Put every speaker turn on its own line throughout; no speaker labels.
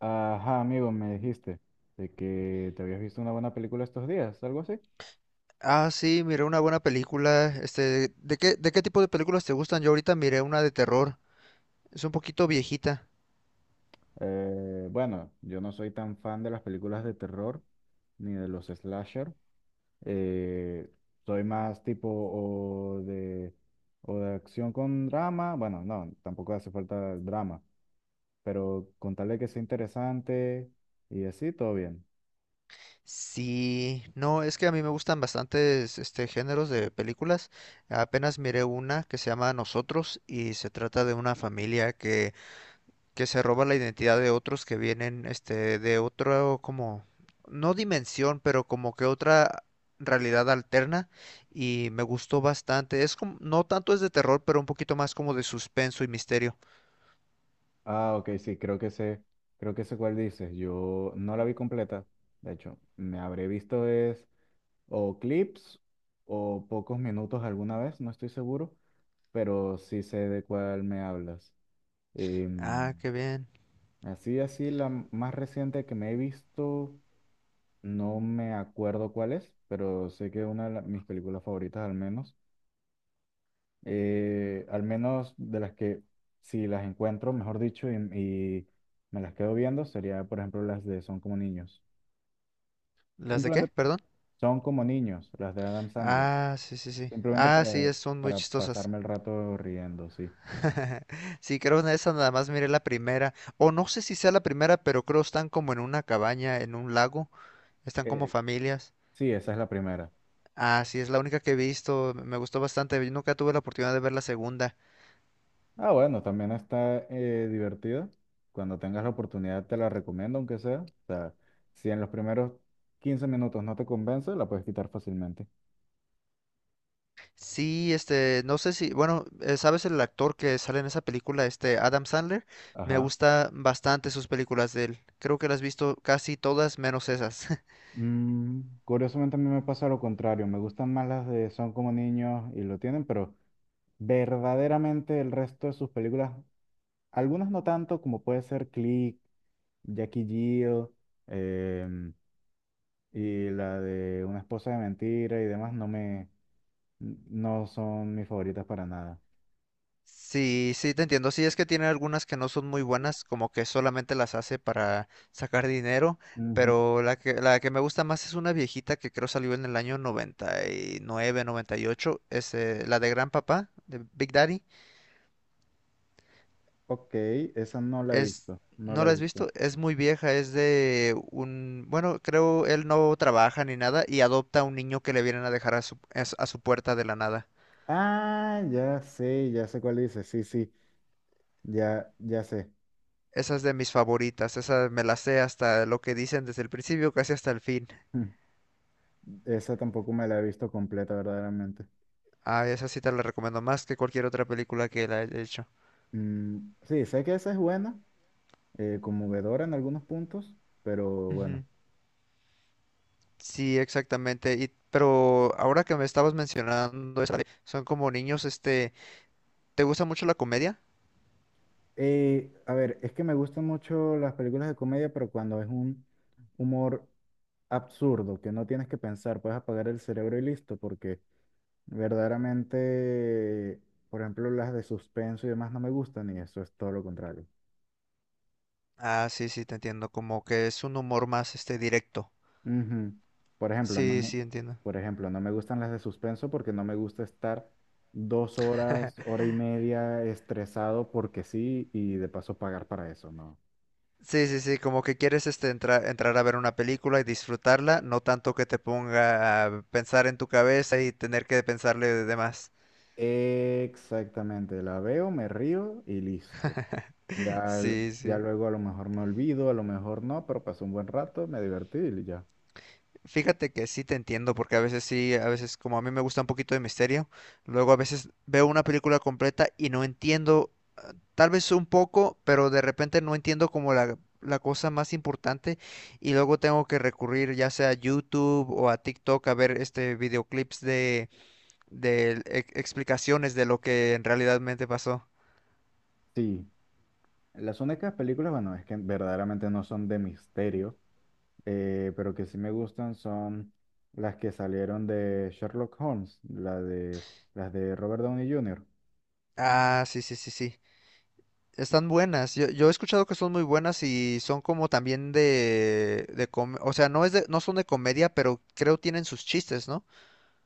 Ajá, amigo, me dijiste de que te habías visto una buena película estos días, algo así.
Ah, sí, miré una buena película. ¿De qué tipo de películas te gustan? Yo ahorita miré una de terror. Es un poquito viejita.
Bueno, yo no soy tan fan de las películas de terror ni de los slasher. Eh, Soy más tipo o de acción con drama. Bueno, no, tampoco hace falta drama, pero con tal de que sea interesante y así, todo bien.
Sí, no, es que a mí me gustan bastantes géneros de películas. Apenas miré una que se llama Nosotros y se trata de una familia que se roba la identidad de otros que vienen de otro como no dimensión, pero como que otra realidad alterna y me gustó bastante. Es como no tanto es de terror, pero un poquito más como de suspenso y misterio.
Ah, ok, sí, creo que sé cuál dices. Yo no la vi completa, de hecho, me habré visto es o clips o pocos minutos alguna vez, no estoy seguro, pero sí sé de cuál me hablas.
Ah,
Em,
qué bien.
Así, así, más reciente que me he visto, no me acuerdo cuál es, pero sé que una de mis películas favoritas al menos de las que si las encuentro, mejor dicho, y me las quedo viendo, sería por ejemplo las de Son como niños.
¿Las de
Simplemente
qué? Perdón.
son como niños, las de Adam Sandler.
Ah, sí, sí, sí.
Simplemente
Ah, sí,
para,
son muy
para
chistosas.
pasarme el rato riendo, sí.
Sí, creo en esa nada más miré la primera. O no sé si sea la primera, pero creo están como en una cabaña, en un lago. Están como
Eh,
familias.
sí, esa es la primera.
Ah, sí, es la única que he visto, me gustó bastante, yo nunca tuve la oportunidad de ver la segunda.
Ah, bueno, también está divertida. Cuando tengas la oportunidad te la recomiendo, aunque sea. O sea, si en los primeros 15 minutos no te convence, la puedes quitar fácilmente.
Sí, no sé si, bueno, ¿sabes el actor que sale en esa película, Adam Sandler? Me
Ajá.
gusta bastante sus películas de él, creo que las has visto casi todas menos esas.
Curiosamente a mí me pasa lo contrario. Me gustan más las de Son como niños y lo tienen, pero verdaderamente el resto de sus películas, algunas no tanto como puede ser Click, Jackie Jill, em, y la de Una esposa de mentira y demás no son mis favoritas para nada.
Sí, sí, te entiendo, sí, es que tiene algunas que no son muy buenas, como que solamente las hace para sacar dinero,
Ujú.
pero la que me gusta más es una viejita que creo salió en el año 90 99, 98. Es la de Gran Papá, de Big Daddy.
Ok, esa no la he
Es,
visto, no
¿No
la
la
he
has
visto.
visto? Es muy vieja, es de un, bueno, creo él no trabaja ni nada y adopta a un niño que le vienen a dejar a su, a su puerta de la nada.
Ah, ya sé cuál dice, sí, sí, ya, ya sé.
Esa es de mis favoritas, esa me la sé hasta lo que dicen desde el principio, casi hasta el fin.
Mm, Esa tampoco me la he visto completa verdaderamente.
Ah, esa sí te la recomiendo más que cualquier otra película que la he hecho.
Mm, sí, sé que esa es buena, conmovedora en algunos puntos, pero bueno.
Ujú. Sí, exactamente. Y, pero ahora que me estabas mencionando, esa son como niños, ¿te gusta mucho la comedia?
A ver, es que me gustan mucho las películas de comedia, pero cuando es un humor absurdo, que no tienes que pensar, puedes apagar el cerebro y listo, porque verdaderamente, por ejemplo, las de suspenso y demás no me gustan y eso es todo lo contrario.
Ah, sí, sí, te entiendo, como que es un humor más, directo.
Ujú. Por ejemplo, no
Sí,
me,
sí, entiendo.
por ejemplo, no me gustan las de suspenso porque no me gusta estar 2 horas, hora y media estresado porque sí y de paso pagar para eso, ¿no?
Sí, sí, sí, como que quieres entrar a ver una película y disfrutarla, no tanto que te ponga a pensar en tu cabeza y tener que pensarle de demás.
Exactamente, la veo, me río y listo. Ya, l-
Sí,
ya
sí.
luego a lo mejor me olvido, a lo mejor no, pero pasé un buen rato, me divertí y ya.
Fíjate que sí te entiendo, porque a veces sí, a veces como a mí me gusta un poquito de misterio, luego a veces veo una película completa y no entiendo, tal vez un poco, pero de repente no entiendo como la cosa más importante y luego tengo que recurrir ya sea a YouTube o a TikTok a ver videoclips de explicaciones de lo que en realidadmente pasó.
Sí, las únicas películas, bueno, es que verdaderamente no son de misterio, pero que sí me gustan son las que salieron de Sherlock Holmes, las de Robert Downey Jr.
Ah, sí, sí, sí, sí. Están buenas. Yo he escuchado que son muy buenas y son como también de, o sea, no es de, no son de comedia, pero creo tienen sus chistes, ¿no?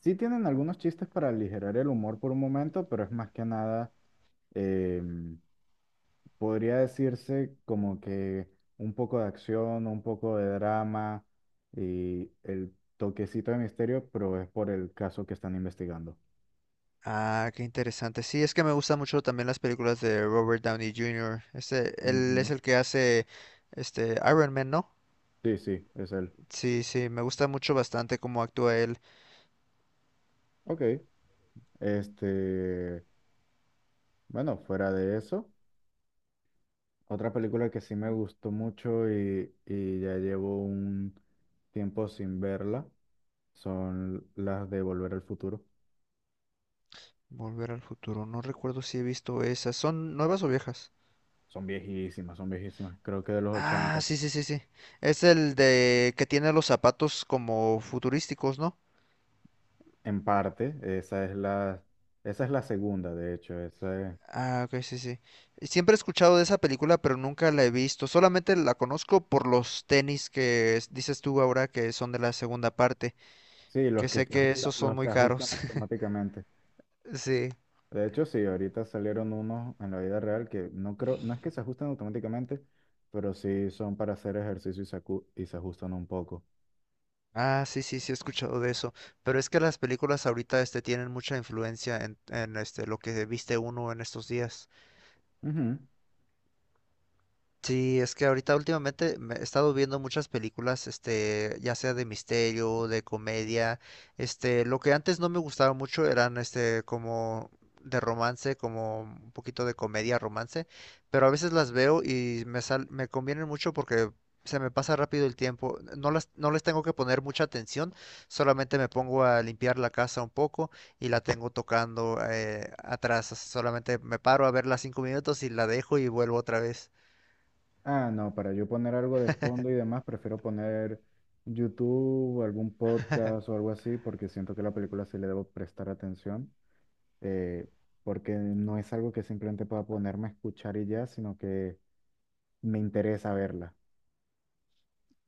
Sí tienen algunos chistes para aligerar el humor por un momento, pero es más que nada em, podría decirse como que un poco de acción, un poco de drama y el toquecito de misterio, pero es por el caso que están investigando.
Ah, qué interesante. Sí, es que me gustan mucho también las películas de Robert Downey Jr. Él es
Ujú.
el que hace Iron Man, ¿no?
Sí, sí, es él.
Sí, sí, me gusta mucho bastante cómo actúa él.
Ok, este, bueno, fuera de eso, otra película que sí me gustó mucho y ya llevo un tiempo sin verla son las de Volver al Futuro.
Volver al futuro. No recuerdo si he visto esas. ¿Son nuevas o viejas?
Son viejísimas, creo que de los
Ah,
ochenta.
sí, sí, sí, sí. Es el de que tiene los zapatos como futurísticos, ¿no?
En parte, esa es la segunda, de hecho.
Ah, ok, sí, sí. Y siempre he escuchado de esa película, pero nunca la he visto. Solamente la conozco por los tenis que dices tú ahora que son de la segunda parte,
Sí,
que sé que sí. Esos son
los se
muy
ajustan
caros.
automáticamente.
Sí.
De hecho, sí, ahorita salieron unos en la vida real que no creo, no es que se ajusten automáticamente, pero sí son para hacer ejercicio y se ajustan un poco.
Ah, sí, sí, sí he escuchado de eso. Pero es que las películas ahorita tienen mucha influencia en lo que viste uno en estos días.
Ujú.
Sí, es que ahorita últimamente me he estado viendo muchas películas, ya sea de misterio, de comedia, lo que antes no me gustaba mucho eran, como de romance, como un poquito de comedia, romance, pero a veces las veo y me convienen mucho porque se me pasa rápido el tiempo, no las, no les tengo que poner mucha atención, solamente me pongo a limpiar la casa un poco y la tengo tocando atrás, solamente me paro a verla 5 minutos y la dejo y vuelvo otra vez.
Ah, no, para yo poner algo de fondo y demás, prefiero poner YouTube, algún podcast o algo así, porque siento que la película sí le debo prestar atención, eh, porque no es algo que simplemente pueda ponerme a escuchar y ya, sino que me interesa verla.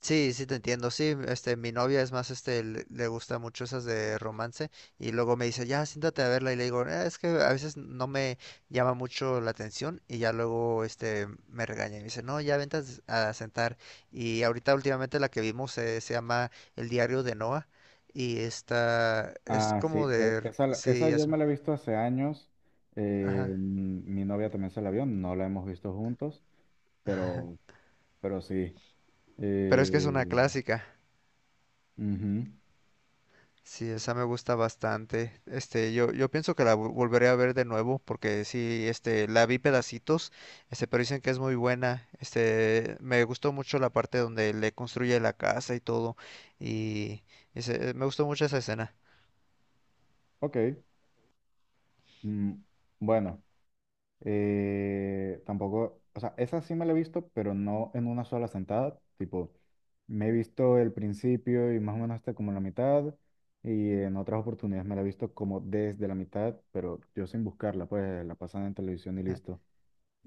Sí, sí te entiendo, sí, mi novia es más, le gusta mucho esas de romance y luego me dice, ya, siéntate a verla y le digo, es que a veces no me llama mucho la atención y ya luego, me regaña y me dice, no, ya vente a a sentar y ahorita últimamente la que vimos se llama El diario de Noah y esta es
Ah, sí,
como
esa
sí,
yo
es,
me la he visto hace años.
ajá,
Mi novia también se la vio, no la hemos visto juntos, pero, pero sí.
pero es que es
eh,
una clásica.
Ujú.
Sí, esa me gusta bastante. Yo pienso que la volveré a ver de nuevo porque sí, la vi pedacitos, pero dicen que es muy buena. Me gustó mucho la parte donde le construye la casa y todo, y me gustó mucho esa escena.
Ok. mm, bueno, eh, tampoco, o sea, esa sí me la he visto, pero no en una sola sentada. Tipo, me he visto el principio y más o menos hasta como la mitad. Y en otras oportunidades me la he visto como desde la mitad, pero yo sin buscarla, pues la pasan en televisión y listo.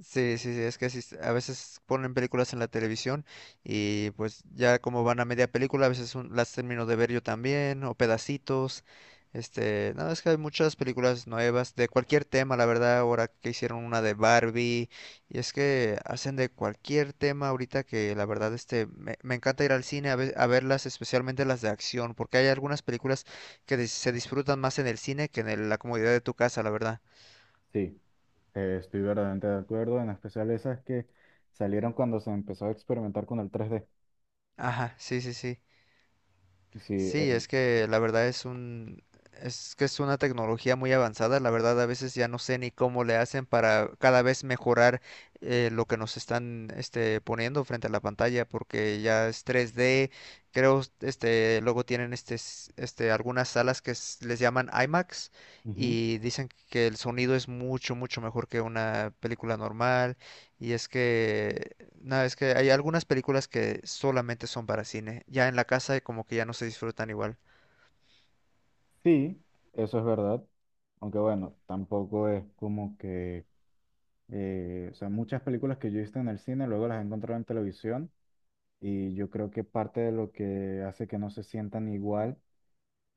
Sí, sí, sí, es que así a veces ponen películas en la televisión y pues ya como van a media película, a veces las termino de ver yo también o pedacitos. No, es que hay muchas películas nuevas de cualquier tema, la verdad, ahora que hicieron una de Barbie y es que hacen de cualquier tema ahorita que la verdad me encanta ir al cine a verlas, especialmente las de acción, porque hay algunas películas que se disfrutan más en el cine que la comodidad de tu casa, la verdad.
Sí, estoy verdaderamente de acuerdo, en especial esas que salieron cuando se empezó a experimentar con el 3D.
Ajá, sí, sí, sí.
Sí,
Sí, es que la verdad es que es una tecnología muy avanzada. La verdad, a veces ya no sé ni cómo le hacen para cada vez mejorar lo que nos están poniendo frente a la pantalla, porque ya es 3D. Creo, luego tienen algunas salas que les llaman IMAX
ujú.
y dicen que el sonido es mucho, mucho mejor que una película normal. Y es que no, es que hay algunas películas que solamente son para cine. Ya en la casa como que ya no se disfrutan igual.
Sí, eso es verdad. Aunque bueno, tampoco es como que o sea, muchas películas que yo he visto en el cine, luego las he encontrado en televisión y yo creo que parte de lo que hace que no se sientan igual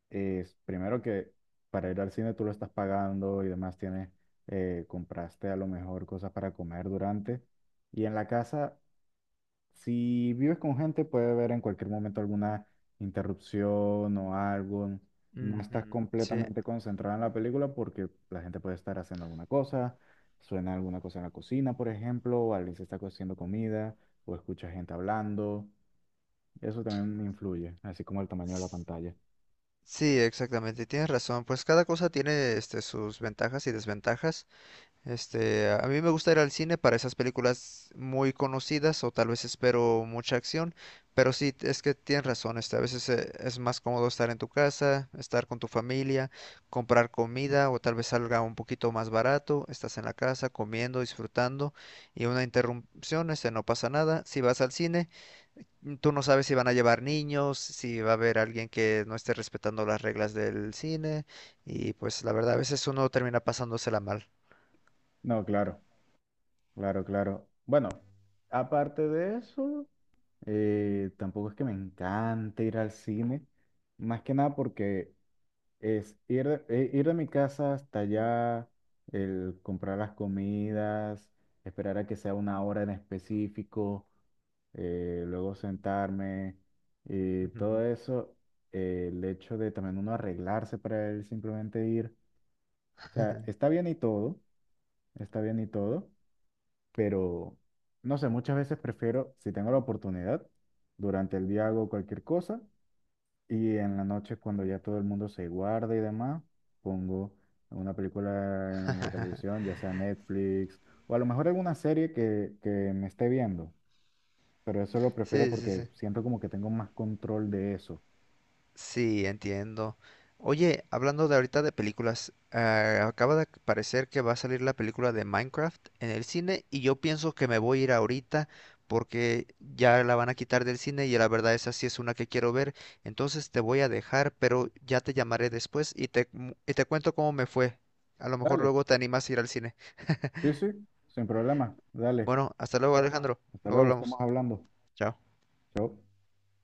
es, primero que para ir al cine tú lo estás pagando y demás, tienes, compraste a lo mejor cosas para comer durante. Y en la casa si vives con gente, puede haber en cualquier momento alguna interrupción o algo. No estás
Ujú. Sí.
completamente concentrada en la película porque la gente puede estar haciendo alguna cosa, suena alguna cosa en la cocina, por ejemplo, o alguien se está cociendo comida, o escucha gente hablando. Eso también influye, así como el tamaño de la
S-
pantalla.
Sí, exactamente. Tienes razón. Pues cada cosa tiene sus ventajas y desventajas. A mí me gusta ir al cine para esas películas muy conocidas o tal vez espero mucha acción, pero sí, es que tienes razón, a veces es más cómodo estar en tu casa, estar con tu familia, comprar comida o tal vez salga un poquito más barato, estás en la casa comiendo, disfrutando y una interrupción, no pasa nada. Si vas al cine, tú no sabes si van a llevar niños, si va a haber alguien que no esté respetando las reglas del cine y pues la verdad a veces uno termina pasándosela mal.
No, claro, claro, claro. Bueno, aparte de eso, tampoco es que me encante ir al cine, más que nada porque es ir ir de mi casa hasta allá, el comprar las comidas, esperar a que sea una hora en específico, luego sentarme y
Ujú.
todo eso, el hecho de también uno arreglarse para él simplemente ir. O sea, está bien y todo, está bien y todo, pero no sé, muchas veces prefiero, si tengo la oportunidad, durante el día hago cualquier cosa y en la noche, cuando ya todo el mundo se guarda y demás, pongo una película en la televisión, ya sea Netflix, o a lo mejor alguna serie que me esté viendo. Pero eso lo prefiero
Sí, sí,
porque
sí.
siento como que tengo más control de eso.
Sí, entiendo. Oye, hablando de ahorita de películas, acaba de parecer que va a salir la película de Minecraft en el cine y yo pienso que me voy a ir ahorita porque ya la van a quitar del cine y la verdad esa sí es una que quiero ver. Entonces te voy a dejar, pero ya te llamaré después y y te cuento cómo me fue. A lo mejor
Dale,
luego te animas a ir al cine.
sí, sí, sin problema. Dale,
Bueno, hasta luego, Alejandro.
hasta
Luego
luego,
hablamos.
estamos hablando.
Chao.
Chao.